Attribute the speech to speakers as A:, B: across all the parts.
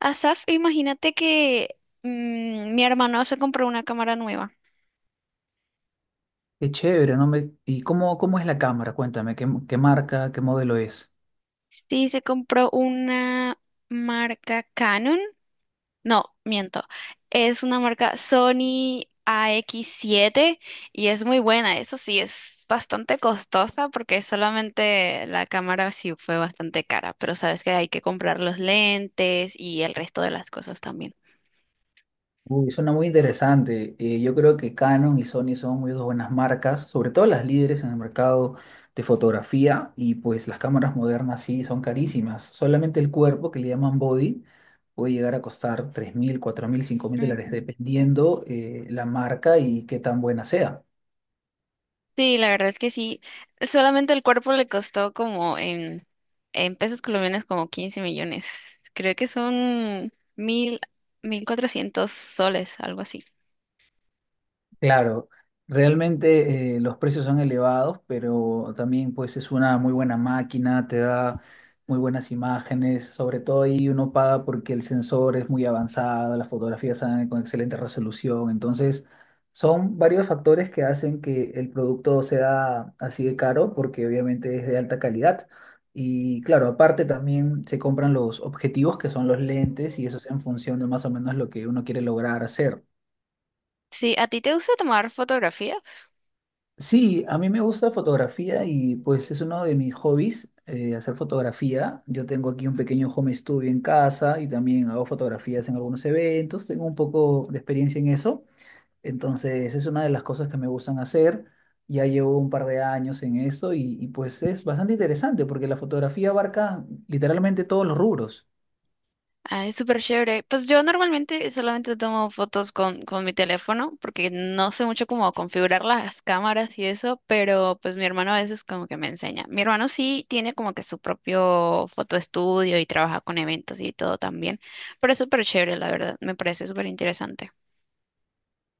A: Asaf, imagínate que mi hermano se compró una cámara nueva.
B: Qué chévere, ¿no? ¿Y cómo es la cámara? Cuéntame, ¿qué marca, qué modelo es?
A: Sí, se compró una marca Canon. No, miento. Es una marca Sony AX7 y es muy buena. Eso sí, es bastante costosa porque solamente la cámara sí fue bastante cara, pero sabes que hay que comprar los lentes y el resto de las cosas también.
B: Uy, suena muy interesante. Yo creo que Canon y Sony son muy dos buenas marcas, sobre todo las líderes en el mercado de fotografía y pues las cámaras modernas sí son carísimas. Solamente el cuerpo, que le llaman body, puede llegar a costar tres mil, cuatro mil, cinco mil dólares
A: Ujú.
B: dependiendo la marca y qué tan buena sea.
A: Sí, la verdad es que sí. Solamente el cuerpo le costó como en pesos colombianos como 15 millones. Creo que son mil cuatrocientos soles, algo así.
B: Claro, realmente los precios son elevados, pero también pues es una muy buena máquina, te da muy buenas imágenes, sobre todo ahí uno paga porque el sensor es muy avanzado, las fotografías salen con excelente resolución, entonces son varios factores que hacen que el producto sea así de caro porque obviamente es de alta calidad. Y claro, aparte también se compran los objetivos que son los lentes y eso es en función de más o menos lo que uno quiere lograr hacer.
A: Sí, ¿a ti te gusta tomar fotografías?
B: Sí, a mí me gusta fotografía y pues es uno de mis hobbies, hacer fotografía. Yo tengo aquí un pequeño home studio en casa y también hago fotografías en algunos eventos, tengo un poco de experiencia en eso. Entonces es una de las cosas que me gustan hacer. Ya llevo un par de años en eso y pues es bastante interesante porque la fotografía abarca literalmente todos los rubros.
A: Ah, es súper chévere. Pues yo normalmente solamente tomo fotos con mi teléfono porque no sé mucho cómo configurar las cámaras y eso, pero pues mi hermano a veces como que me enseña. Mi hermano sí tiene como que su propio fotoestudio y trabaja con eventos y todo también, pero es súper chévere, la verdad. Me parece súper interesante.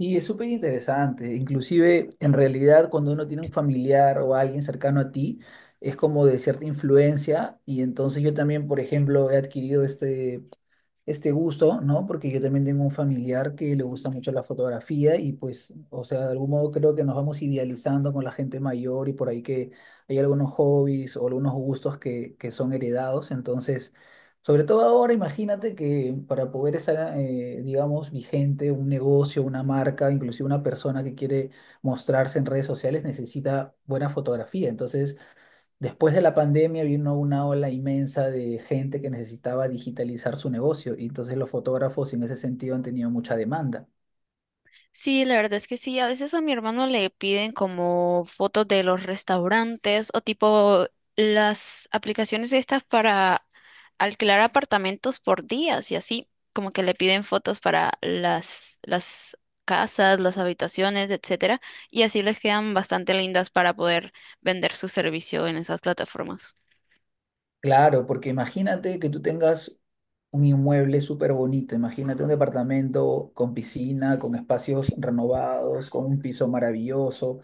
B: Y es súper interesante, inclusive en realidad cuando uno tiene un familiar o alguien cercano a ti, es como de cierta influencia y entonces yo también, por ejemplo, he adquirido esta este gusto, ¿no? Porque yo también tengo un familiar que le gusta mucho la fotografía y pues, o sea, de algún modo creo que nos vamos idealizando con la gente mayor y por ahí que hay algunos hobbies o algunos gustos que son heredados. Entonces, sobre todo ahora, imagínate que para poder estar, digamos, vigente un negocio, una marca, inclusive una persona que quiere mostrarse en redes sociales necesita buena fotografía. Entonces, después de la pandemia vino una ola inmensa de gente que necesitaba digitalizar su negocio y entonces los fotógrafos en ese sentido han tenido mucha demanda.
A: Sí, la verdad es que sí. A veces a mi hermano le piden como fotos de los restaurantes o tipo las aplicaciones estas para alquilar apartamentos por días y así, como que le piden fotos para las casas, las habitaciones, etcétera, y así les quedan bastante lindas para poder vender su servicio en esas plataformas.
B: Claro, porque imagínate que tú tengas un inmueble súper bonito, imagínate un departamento con piscina, con espacios renovados, con un piso maravilloso,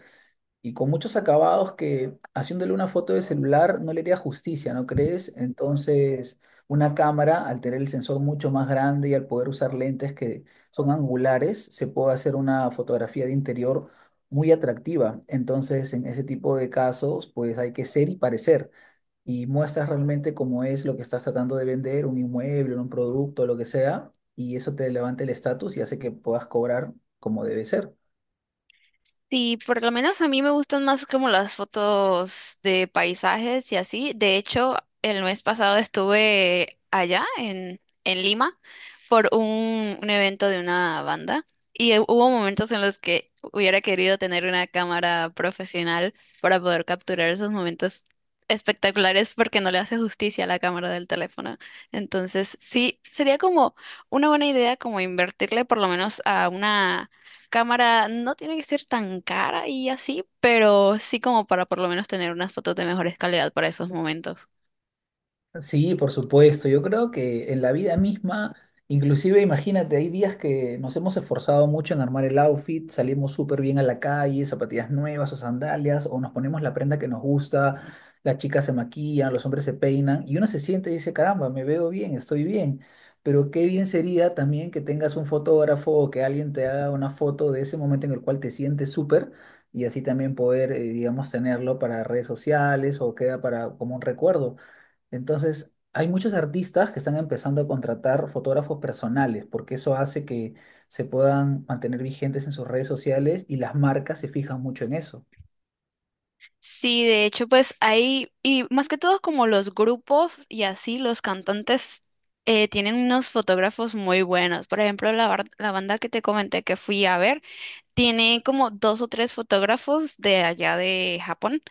B: y con muchos acabados que haciéndole una foto de celular no le haría justicia, ¿no crees? Entonces, una cámara, al tener el sensor mucho más grande y al poder usar lentes que son angulares, se puede hacer una fotografía de interior muy atractiva. Entonces, en ese tipo de casos, pues hay que ser y parecer. Y muestras realmente cómo es lo que estás tratando de vender, un inmueble, un producto, lo que sea, y eso te levanta el estatus y hace que puedas cobrar como debe ser.
A: Sí, por lo menos a mí me gustan más como las fotos de paisajes y así. De hecho, el mes pasado estuve allá en Lima por un evento de una banda y hubo momentos en los que hubiera querido tener una cámara profesional para poder capturar esos momentos espectaculares porque no le hace justicia a la cámara del teléfono. Entonces, sí, sería como una buena idea como invertirle por lo menos a una cámara no tiene que ser tan cara y así, pero sí como para por lo menos tener unas fotos de mejores calidad para esos momentos.
B: Sí, por supuesto. Yo creo que en la vida misma, inclusive imagínate, hay días que nos hemos esforzado mucho en armar el outfit, salimos súper bien a la calle, zapatillas nuevas o sandalias, o nos ponemos la prenda que nos gusta, las chicas se maquillan, los hombres se peinan, y uno se siente y dice, caramba, me veo bien, estoy bien. Pero qué bien sería también que tengas un fotógrafo o que alguien te haga una foto de ese momento en el cual te sientes súper. Y así también poder, digamos, tenerlo para redes sociales o queda para como un recuerdo. Entonces, hay muchos artistas que están empezando a contratar fotógrafos personales, porque eso hace que se puedan mantener vigentes en sus redes sociales y las marcas se fijan mucho en eso.
A: Sí, de hecho, pues ahí, y más que todo como los grupos y así, los cantantes tienen unos fotógrafos muy buenos. Por ejemplo, la banda que te comenté que fui a ver, tiene como 2 o 3 fotógrafos de allá de Japón.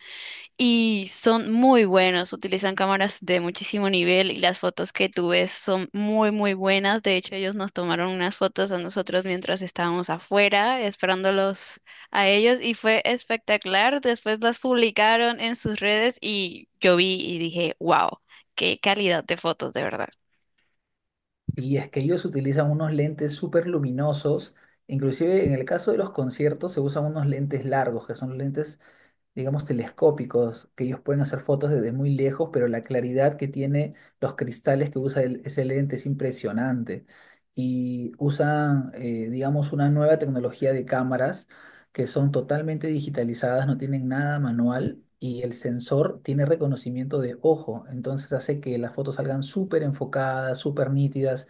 A: Y son muy buenos, utilizan cámaras de muchísimo nivel y las fotos que tú ves son muy, muy buenas. De hecho, ellos nos tomaron unas fotos a nosotros mientras estábamos afuera esperándolos a ellos y fue espectacular. Después las publicaron en sus redes y yo vi y dije, wow, qué calidad de fotos, de verdad.
B: Sí, es que ellos utilizan unos lentes súper luminosos, inclusive en el caso de los conciertos se usan unos lentes largos, que son lentes, digamos, telescópicos, que ellos pueden hacer fotos desde muy lejos, pero la claridad que tiene los cristales que usa ese lente es impresionante. Y usan, digamos, una nueva tecnología de cámaras que son totalmente digitalizadas, no tienen nada manual. Y el sensor tiene reconocimiento de ojo, entonces hace que las fotos salgan súper enfocadas, súper nítidas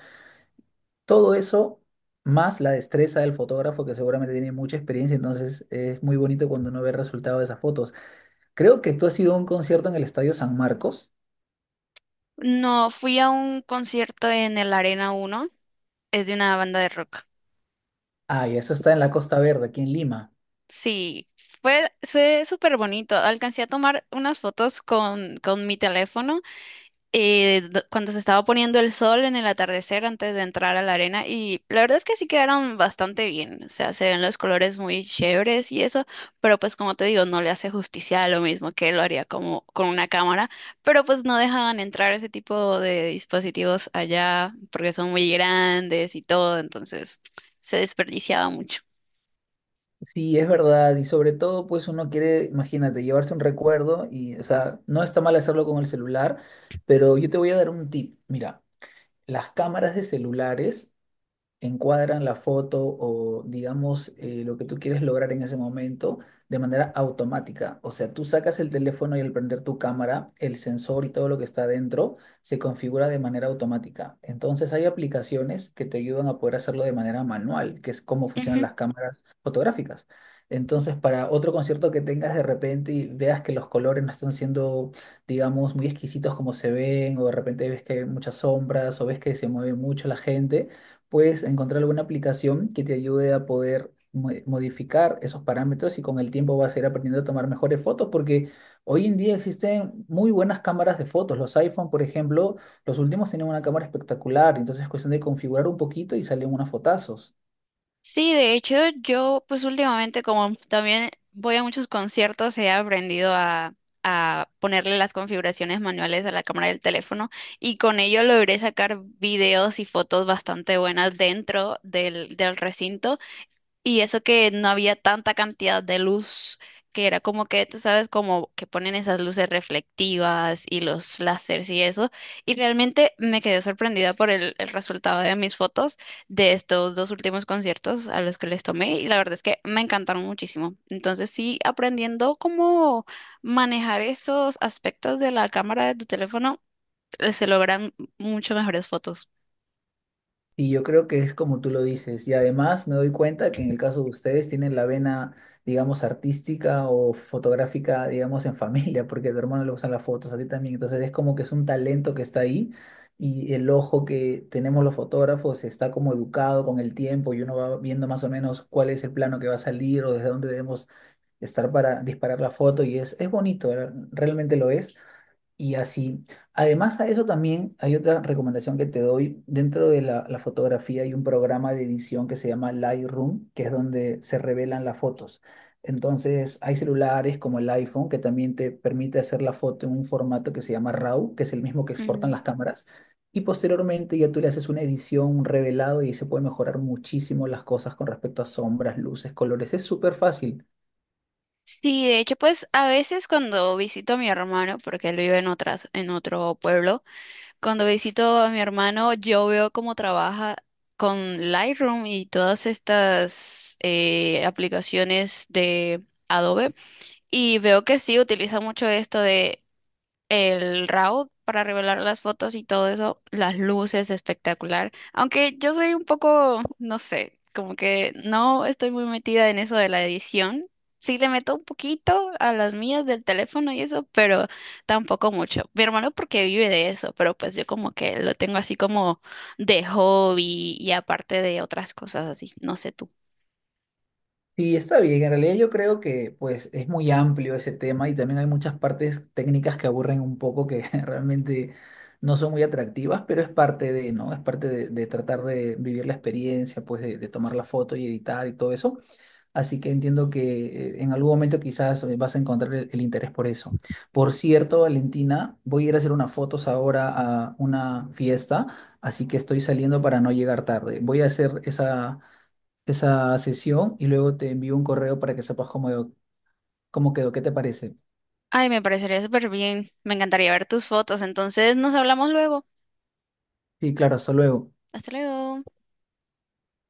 B: todo eso, más la destreza del fotógrafo, que seguramente tiene mucha experiencia, entonces es muy bonito cuando uno ve el resultado de esas fotos. Creo que tú has ido a un concierto en el Estadio San Marcos.
A: No, fui a un concierto en el Arena 1 es de una banda de rock.
B: Ah, y eso está en la Costa Verde, aquí en Lima.
A: Sí, fue súper bonito. Alcancé a tomar unas fotos con mi teléfono cuando se estaba poniendo el sol en el atardecer antes de entrar a la arena y la verdad es que sí quedaron bastante bien. O sea, se ven los colores muy chéveres y eso, pero pues como te digo, no le hace justicia a lo mismo que lo haría como con una cámara, pero pues no dejaban entrar ese tipo de dispositivos allá porque son muy grandes y todo, entonces se desperdiciaba mucho.
B: Sí, es verdad, y sobre todo, pues uno quiere, imagínate, llevarse un recuerdo y, o sea, no está mal hacerlo con el celular, pero yo te voy a dar un tip. Mira, las cámaras de celulares encuadran la foto o digamos lo que tú quieres lograr en ese momento de manera automática. O sea, tú sacas el teléfono y al prender tu cámara, el sensor y todo lo que está dentro se configura de manera automática. Entonces hay aplicaciones que te ayudan a poder hacerlo de manera manual, que es cómo funcionan las cámaras fotográficas. Entonces, para otro concierto que tengas de repente y veas que los colores no están siendo, digamos, muy exquisitos como se ven, o de repente ves que hay muchas sombras, o ves que se mueve mucho la gente, puedes encontrar alguna aplicación que te ayude a poder modificar esos parámetros y con el tiempo vas a ir aprendiendo a tomar mejores fotos porque hoy en día existen muy buenas cámaras de fotos. Los iPhone, por ejemplo, los últimos tienen una cámara espectacular, entonces es cuestión de configurar un poquito y salen unos fotazos.
A: Sí, de hecho, yo pues últimamente como también voy a muchos conciertos, he aprendido a ponerle las configuraciones manuales a la cámara del teléfono y con ello logré sacar videos y fotos bastante buenas dentro del recinto. Y eso que no había tanta cantidad de luz, que era como que, tú sabes, como que ponen esas luces reflectivas y los láseres y eso. Y realmente me quedé sorprendida por el resultado de mis fotos de estos dos últimos conciertos a los que les tomé. Y la verdad es que me encantaron muchísimo. Entonces sí, aprendiendo cómo manejar esos aspectos de la cámara de tu teléfono, se logran mucho mejores fotos.
B: Y yo creo que es como tú lo dices. Y además me doy cuenta que en el caso de ustedes tienen la vena, digamos, artística o fotográfica, digamos, en familia, porque a tu hermano le gustan las fotos, a ti también. Entonces es como que es un talento que está ahí y el ojo que tenemos los fotógrafos está como educado con el tiempo y uno va viendo más o menos cuál es el plano que va a salir o desde dónde debemos estar para disparar la foto y es bonito, realmente lo es. Y así, además a eso también hay otra recomendación que te doy. Dentro de la fotografía hay un programa de edición que se llama Lightroom, que es donde se revelan las fotos. Entonces hay celulares como el iPhone que también te permite hacer la foto en un formato que se llama RAW, que es el mismo que exportan las cámaras. Y posteriormente ya tú le haces una edición, un revelado y se puede mejorar muchísimo las cosas con respecto a sombras, luces, colores. Es súper fácil.
A: Sí, de hecho, pues a veces cuando visito a mi hermano, porque él vive en otro pueblo, cuando visito a mi hermano, yo veo cómo trabaja con Lightroom y todas estas aplicaciones de Adobe. Y veo que sí utiliza mucho esto de el RAW para revelar las fotos y todo eso, las luces espectacular. Aunque yo soy un poco, no sé, como que no estoy muy metida en eso de la edición. Sí le meto un poquito a las mías del teléfono y eso, pero tampoco mucho. Mi hermano porque vive de eso, pero pues yo como que lo tengo así como de hobby y aparte de otras cosas así. No sé tú.
B: Sí, está bien. En realidad yo creo que pues es muy amplio ese tema y también hay muchas partes técnicas que aburren un poco que realmente no son muy atractivas, pero es parte de, ¿no? Es parte de tratar de vivir la experiencia, pues de tomar la foto y editar y todo eso. Así que entiendo que en algún momento quizás vas a encontrar el interés por eso. Por cierto, Valentina, voy a ir a hacer unas fotos ahora a una fiesta, así que estoy saliendo para no llegar tarde. Voy a hacer esa sesión y luego te envío un correo para que sepas cómo, quedó, qué te parece.
A: Ay, me parecería súper bien. Me encantaría ver tus fotos. Entonces nos hablamos luego.
B: Sí, claro, hasta luego.
A: Hasta luego.